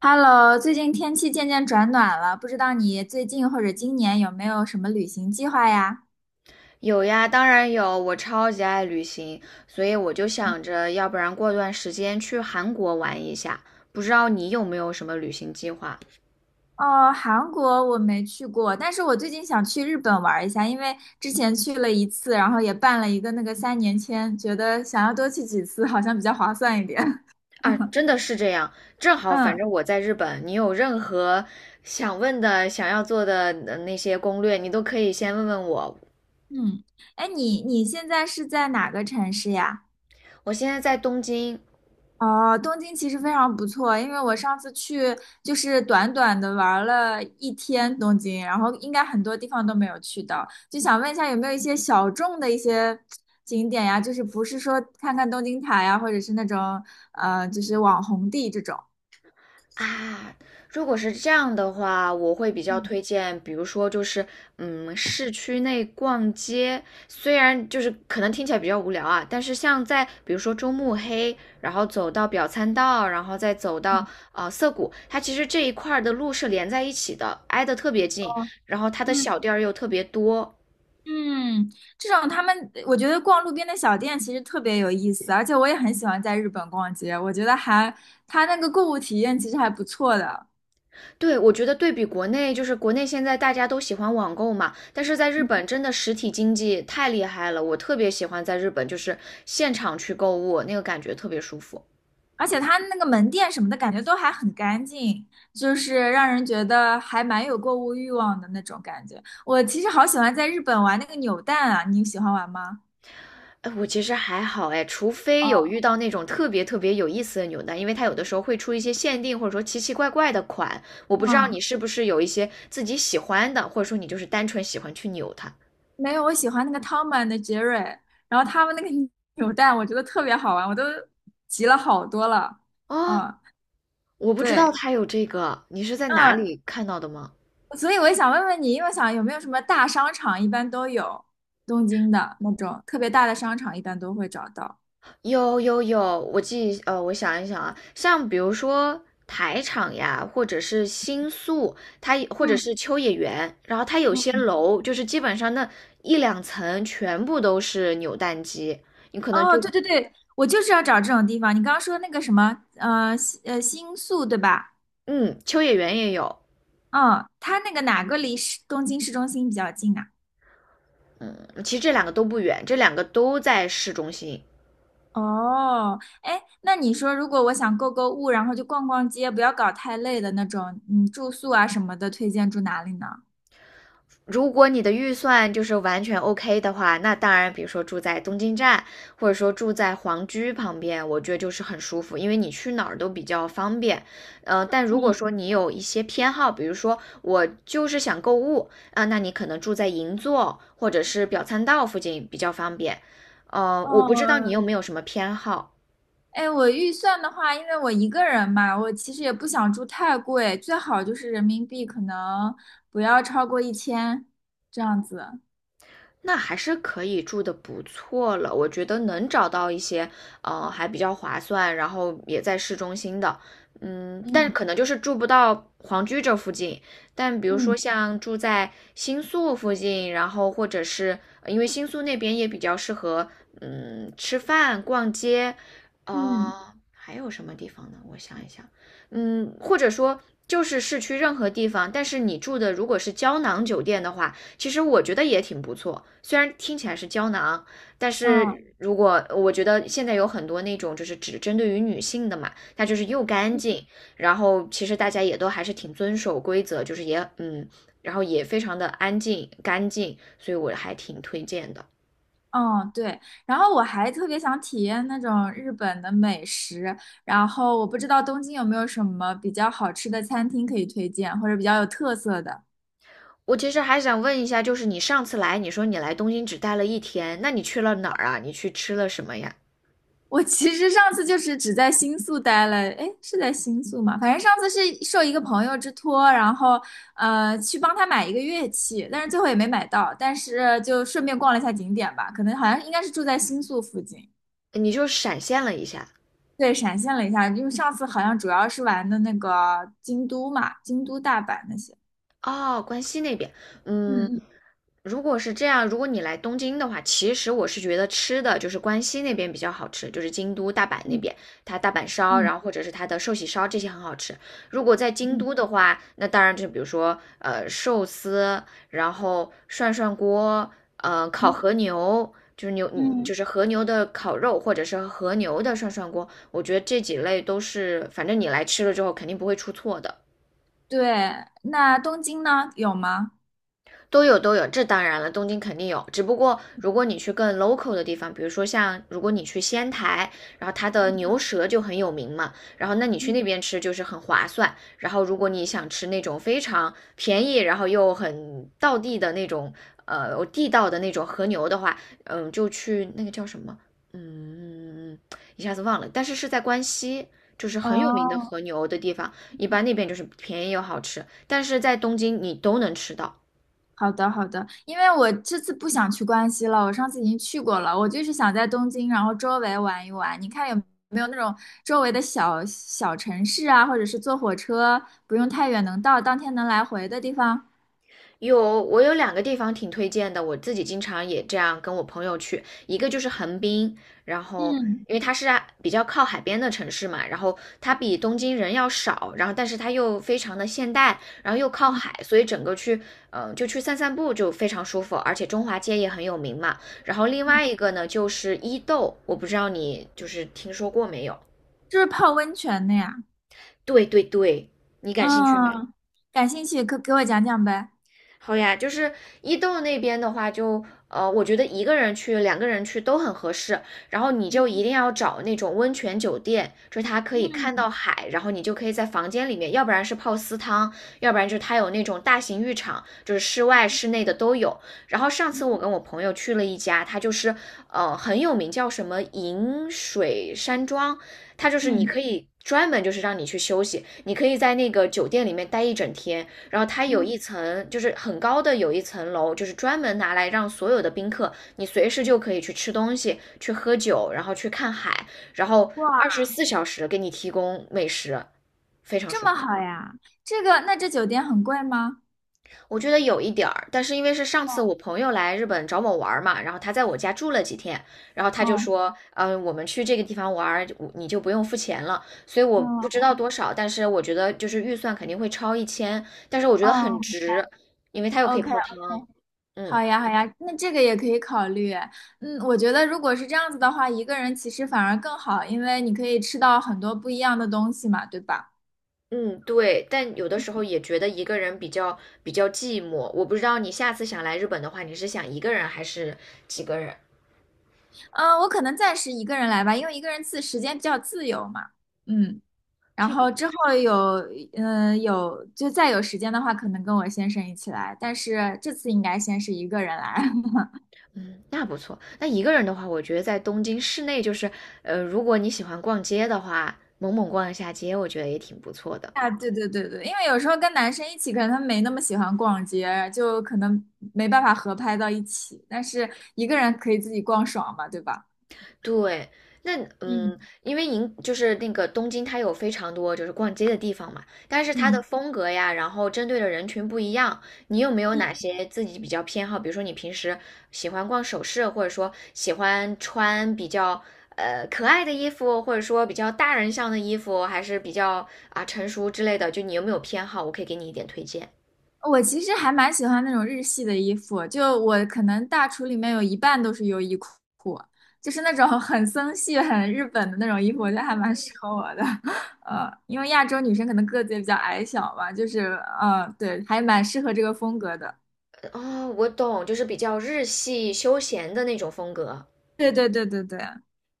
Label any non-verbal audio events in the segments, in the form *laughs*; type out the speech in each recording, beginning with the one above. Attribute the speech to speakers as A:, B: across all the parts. A: Hello，最近天气渐渐转暖了，不知道你最近或者今年有没有什么旅行计划呀？
B: 有呀，当然有，我超级爱旅行，所以我就想着，要不然过段时间去韩国玩一下。不知道你有没有什么旅行计划
A: 哦，韩国我没去过，但是我最近想去日本玩一下，因为之前去了一次，然后也办了一个那个3年签，觉得想要多去几次，好像比较划算一点。*laughs*
B: 啊？真的是这样，正好，反
A: 嗯
B: 正我在日本，你有任何想问的、想要做的那些攻略，你都可以先问问我。
A: 嗯，哎，你现在是在哪个城市呀？
B: 我现在在东京。
A: 哦，东京其实非常不错，因为我上次去就是短短的玩了一天东京，然后应该很多地方都没有去到，就想问一下有没有一些小众的一些景点呀？就是不是说看看东京塔呀，或者是那种就是网红地这种。
B: 啊，如果是这样的话，我会比较
A: 嗯
B: 推荐，比如说就是，市区内逛街，虽然就是可能听起来比较无聊啊，但是像在比如说中目黑，然后走到表参道，然后再走到涩谷，它其实这一块儿的路是连在一起的，挨得特别近，然后它的
A: 嗯
B: 小店儿又特别多。
A: 嗯，这种他们我觉得逛路边的小店其实特别有意思，而且我也很喜欢在日本逛街，我觉得它那个购物体验其实还不错的。
B: 对，我觉得对比国内，就是国内现在大家都喜欢网购嘛，但是在日本真的实体经济太厉害了，我特别喜欢在日本就是现场去购物，那个感觉特别舒服。
A: 而且它那个门店什么的感觉都还很干净，就是让人觉得还蛮有购物欲望的那种感觉。我其实好喜欢在日本玩那个扭蛋啊，你喜欢玩吗？
B: 哎，我其实还好哎，除非有遇到那种特别特别有意思的扭蛋，因为它有的时候会出一些限定或者说奇奇怪怪的款，我不知道
A: 嗯，
B: 你是不是有一些自己喜欢的，或者说你就是单纯喜欢去扭它。
A: 没有，我喜欢那个汤姆的杰瑞，然后他们那个 *laughs* 扭蛋我觉得特别好玩，我都集了好多了。
B: 哦，
A: 嗯，
B: 我不知道
A: 对，
B: 它有这个，你是在哪
A: 嗯，
B: 里看到的吗？
A: 所以我也想问问你，因为我想有没有什么大商场一般都有，东京的那种特别大的商场一般都会找到。
B: 有有有，我想一想啊，像比如说台场呀，或者是新宿，它也或者
A: 嗯
B: 是秋叶原，然后它有些
A: 嗯，
B: 楼就是基本上那一两层全部都是扭蛋机，你可能
A: 哦，
B: 就，
A: 对对对，我就是要找这种地方。你刚刚说那个什么，新宿对吧？
B: 嗯，秋叶原也有。
A: 嗯，它那个哪个离东京市中心比较近啊？
B: 嗯，其实这两个都不远，这两个都在市中心。
A: 哦，哎，那你说如果我想购物，然后就逛逛街，不要搞太累的那种，嗯，住宿啊什么的，推荐住哪里呢？
B: 如果你的预算就是完全 OK 的话，那当然，比如说住在东京站，或者说住在皇居旁边，我觉得就是很舒服，因为你去哪儿都比较方便。但如果
A: 嗯，
B: 说你有一些偏好，比如说我就是想购物啊，那你可能住在银座或者是表参道附近比较方便。我不知道
A: 哦，
B: 你有没有什么偏好，
A: 哎，我预算的话，因为我一个人嘛，我其实也不想住太贵，最好就是人民币可能不要超过1000这样子。
B: 那还是可以住的不错了。我觉得能找到一些还比较划算，然后也在市中心的。但是
A: 嗯
B: 可能就是住不到皇居这附近，但比如说
A: 嗯
B: 像住在新宿附近，然后或者是因为新宿那边也比较适合，吃饭、逛街。
A: 嗯。
B: 还有什么地方呢？我想一想。或者说就是市区任何地方，但是你住的如果是胶囊酒店的话，其实我觉得也挺不错，虽然听起来是胶囊，但
A: 嗯。
B: 是如果我觉得现在有很多那种就是只针对于女性的嘛。它就是又干净，然后其实大家也都还是挺遵守规则，就是也然后也非常的安静干净，所以我还挺推荐的。
A: 嗯，对。然后我还特别想体验那种日本的美食，然后我不知道东京有没有什么比较好吃的餐厅可以推荐，或者比较有特色的。
B: 我其实还想问一下，就是你上次来，你说你来东京只待了1天，那你去了哪儿啊？你去吃了什么呀？
A: 我其实上次就是只在新宿待了，诶，是在新宿吗？反正上次是受一个朋友之托，然后去帮他买一个乐器，但是最后也没买到，但是就顺便逛了一下景点吧，可能好像应该是住在新宿附近。
B: 你就闪现了一下。
A: 对，闪现了一下，因为上次好像主要是玩的那个京都嘛，京都、大阪那些。
B: 哦，关西那边。嗯，
A: 嗯
B: 如果是这样，如果你来东京的话，其实我是觉得吃的就是关西那边比较好吃，就是京都、大阪那
A: 嗯
B: 边，它大阪烧，
A: 嗯
B: 然后或者是它的寿喜烧这些很好吃。如果在京
A: 嗯
B: 都的话，那当然就是比如说寿司，然后涮涮锅，烤
A: 嗯
B: 和牛，
A: 嗯
B: 就
A: 嗯，
B: 是和牛的烤肉，或者是和牛的涮涮锅，我觉得这几类都是，反正你来吃了之后肯定不会出错的。
A: 对。那东京呢？有吗？
B: 都有都有，这当然了，东京肯定有。只不过如果你去更 local 的地方，比如说像如果你去仙台，然后它的牛舌就很有名嘛，然后那你去
A: 嗯
B: 那边吃就是很划算。然后如果你想吃那种非常便宜，然后又很道地的那种，地道的那种和牛的话，嗯，就去那个叫什么，嗯，一下子忘了，但是是在关西。就是很有名的
A: 哦，
B: 和牛的地方，一般那边就是便宜又好吃，但是在东京你都能吃到。
A: 好的好的，因为我这次不想去关西了，我上次已经去过了，我就是想在东京，然后周围玩一玩，你看有没有那种周围的小小城市啊，或者是坐火车不用太远能到，当天能来回的地方，
B: 有，我有两个地方挺推荐的，我自己经常也这样跟我朋友去，一个就是横滨，然后
A: 嗯
B: 因为它是啊比较靠海边的城市嘛，然后它比东京人要少，然后但是它又非常的现代，然后又靠
A: 嗯
B: 海，所以整个去，就去散散步就非常舒服，而且中华街也很有名嘛。然后另
A: 嗯，
B: 外一个呢就是伊豆，我不知道你就是听说过没有？
A: 就是泡温泉的呀。
B: 对对对，你感兴趣吗？
A: 嗯，感兴趣，可给我讲讲呗。
B: 好呀，就是伊豆那边的话就，我觉得一个人去、两个人去都很合适。然后你就一定要找那种温泉酒店，就是它可以看
A: 嗯
B: 到海，然后你就可以在房间里面，要不然是泡私汤，要不然就是它有那种大型浴场，就是室外、室内的都有。然后上次我跟我朋友去了一家，它就是很有名，叫什么银水山庄，它就是你
A: 嗯
B: 可以。专门就是让你去休息，你可以在那个酒店里面待一整天，然后它有
A: 嗯，
B: 一层就是很高的有一层楼，就是专门拿来让所有的宾客，你随时就可以去吃东西、去喝酒，然后去看海，然后
A: 哇，
B: 24小时给你提供美食。非常
A: 这
B: 舒
A: 么
B: 服。
A: 好呀？这个，那这酒店很贵吗？
B: 我觉得有一点儿，但是因为是上
A: 哦
B: 次我朋友来日本找我玩儿嘛，然后他在我家住了几天，然后他就
A: 哦
B: 说，嗯，我们去这个地方玩儿，你就不用付钱了，所以我不知道
A: 哦
B: 多少，但是我觉得就是预算肯定会超1000，但是我觉
A: 哦
B: 得很值，因为它又可以
A: o k
B: 泡汤，
A: OK，
B: 嗯。
A: 好呀好呀，那这个也可以考虑。嗯，我觉得如果是这样子的话，一个人其实反而更好，因为你可以吃到很多不一样的东西嘛，对吧？
B: 嗯，对，但有的时候也觉得一个人比较寂寞。我不知道你下次想来日本的话，你是想一个人还是几个人？
A: 嗯，我可能暂时一个人来吧，因为一个人时间比较自由嘛。嗯。然
B: 这个
A: 后
B: 地
A: 之后
B: 方
A: 有，嗯、有就再有时间的话，可能跟我先生一起来，但是这次应该先是一个人来。*laughs*
B: 嗯，那不错。那一个人的话，我觉得在东京市内，就是如果你喜欢逛街的话，猛猛逛一下街，我觉得也挺不错的。
A: 啊，对对对对，因为有时候跟男生一起，可能他们没那么喜欢逛街，就可能没办法合拍到一起，但是一个人可以自己逛爽嘛，对吧？
B: 对，那
A: 嗯
B: 因为就是那个东京，它有非常多就是逛街的地方嘛，但是它的
A: 嗯嗯。
B: 风格呀，然后针对的人群不一样。你有没有哪些自己比较偏好？比如说你平时喜欢逛首饰，或者说喜欢穿比较可爱的衣服，或者说比较大人向的衣服，还是比较成熟之类的？就你有没有偏好？我可以给你一点推荐。
A: 我其实还蛮喜欢那种日系的衣服，就我可能大橱里面有一半都是优衣库，就是那种很森系、很日本的那种衣服，我觉得还蛮适合我的。*laughs* 因为亚洲女生可能个子也比较矮小嘛，就是对，还蛮适合这个风格的。
B: 哦，我懂，就是比较日系休闲的那种风格。
A: 对对对对对，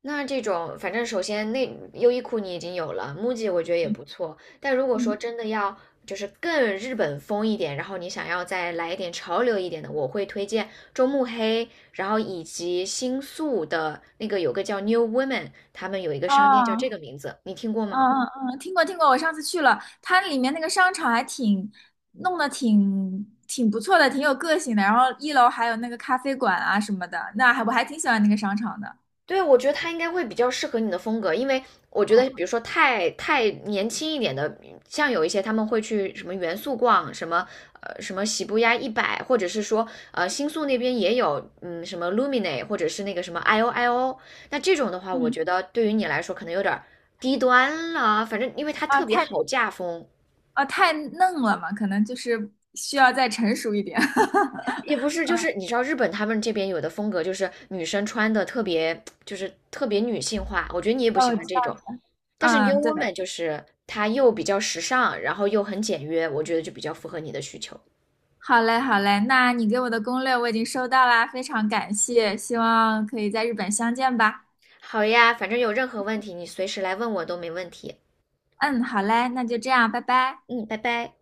B: 那这种，反正首先那优衣库你已经有了，MUJI 我觉得也不错。但如果说
A: 嗯，
B: 真的要就是更日本风一点，然后你想要再来一点潮流一点的，我会推荐中目黑，然后以及新宿的那个有个叫 New Women，他们有一个商店叫这
A: 啊。
B: 个名字，你听过
A: 嗯
B: 吗？
A: 嗯嗯，听过听过，我上次去了，它里面那个商场弄得挺不错的，挺有个性的。然后一楼还有那个咖啡馆啊什么的，我还挺喜欢那个商场的。
B: 对，我觉得他应该会比较适合你的风格，因为我觉得，比如
A: 嗯
B: 说太年轻一点的，像有一些他们会去什么元素逛，什么什么喜布亚一百，或者是说新宿那边也有，嗯，什么 Lumine，或者是那个什么 I O I O，那这种的话，我
A: 嗯
B: 觉得对于你来说可能有点儿低端了，反正因为它
A: 啊，
B: 特别
A: 太
B: 好嫁风。
A: 啊太嫩了嘛，可能就是需要再成熟一点。
B: 也不
A: *laughs*
B: 是，就是你知道日本他们这边有的风格，就是女生穿的特别，就是特别女性化。我觉得你也不
A: 哦，
B: 喜
A: 我
B: 欢
A: 知
B: 这
A: 道。
B: 种，但是 New
A: 嗯，对，
B: Woman 就是它又比较时尚，然后又很简约，我觉得就比较符合你的需求。
A: 好嘞好嘞，那你给我的攻略我已经收到啦，非常感谢，希望可以在日本相见吧。
B: 好呀，反正有任何问题你随时来问我都没问题。
A: 嗯，好嘞，那就这样，拜拜。
B: 嗯，拜拜。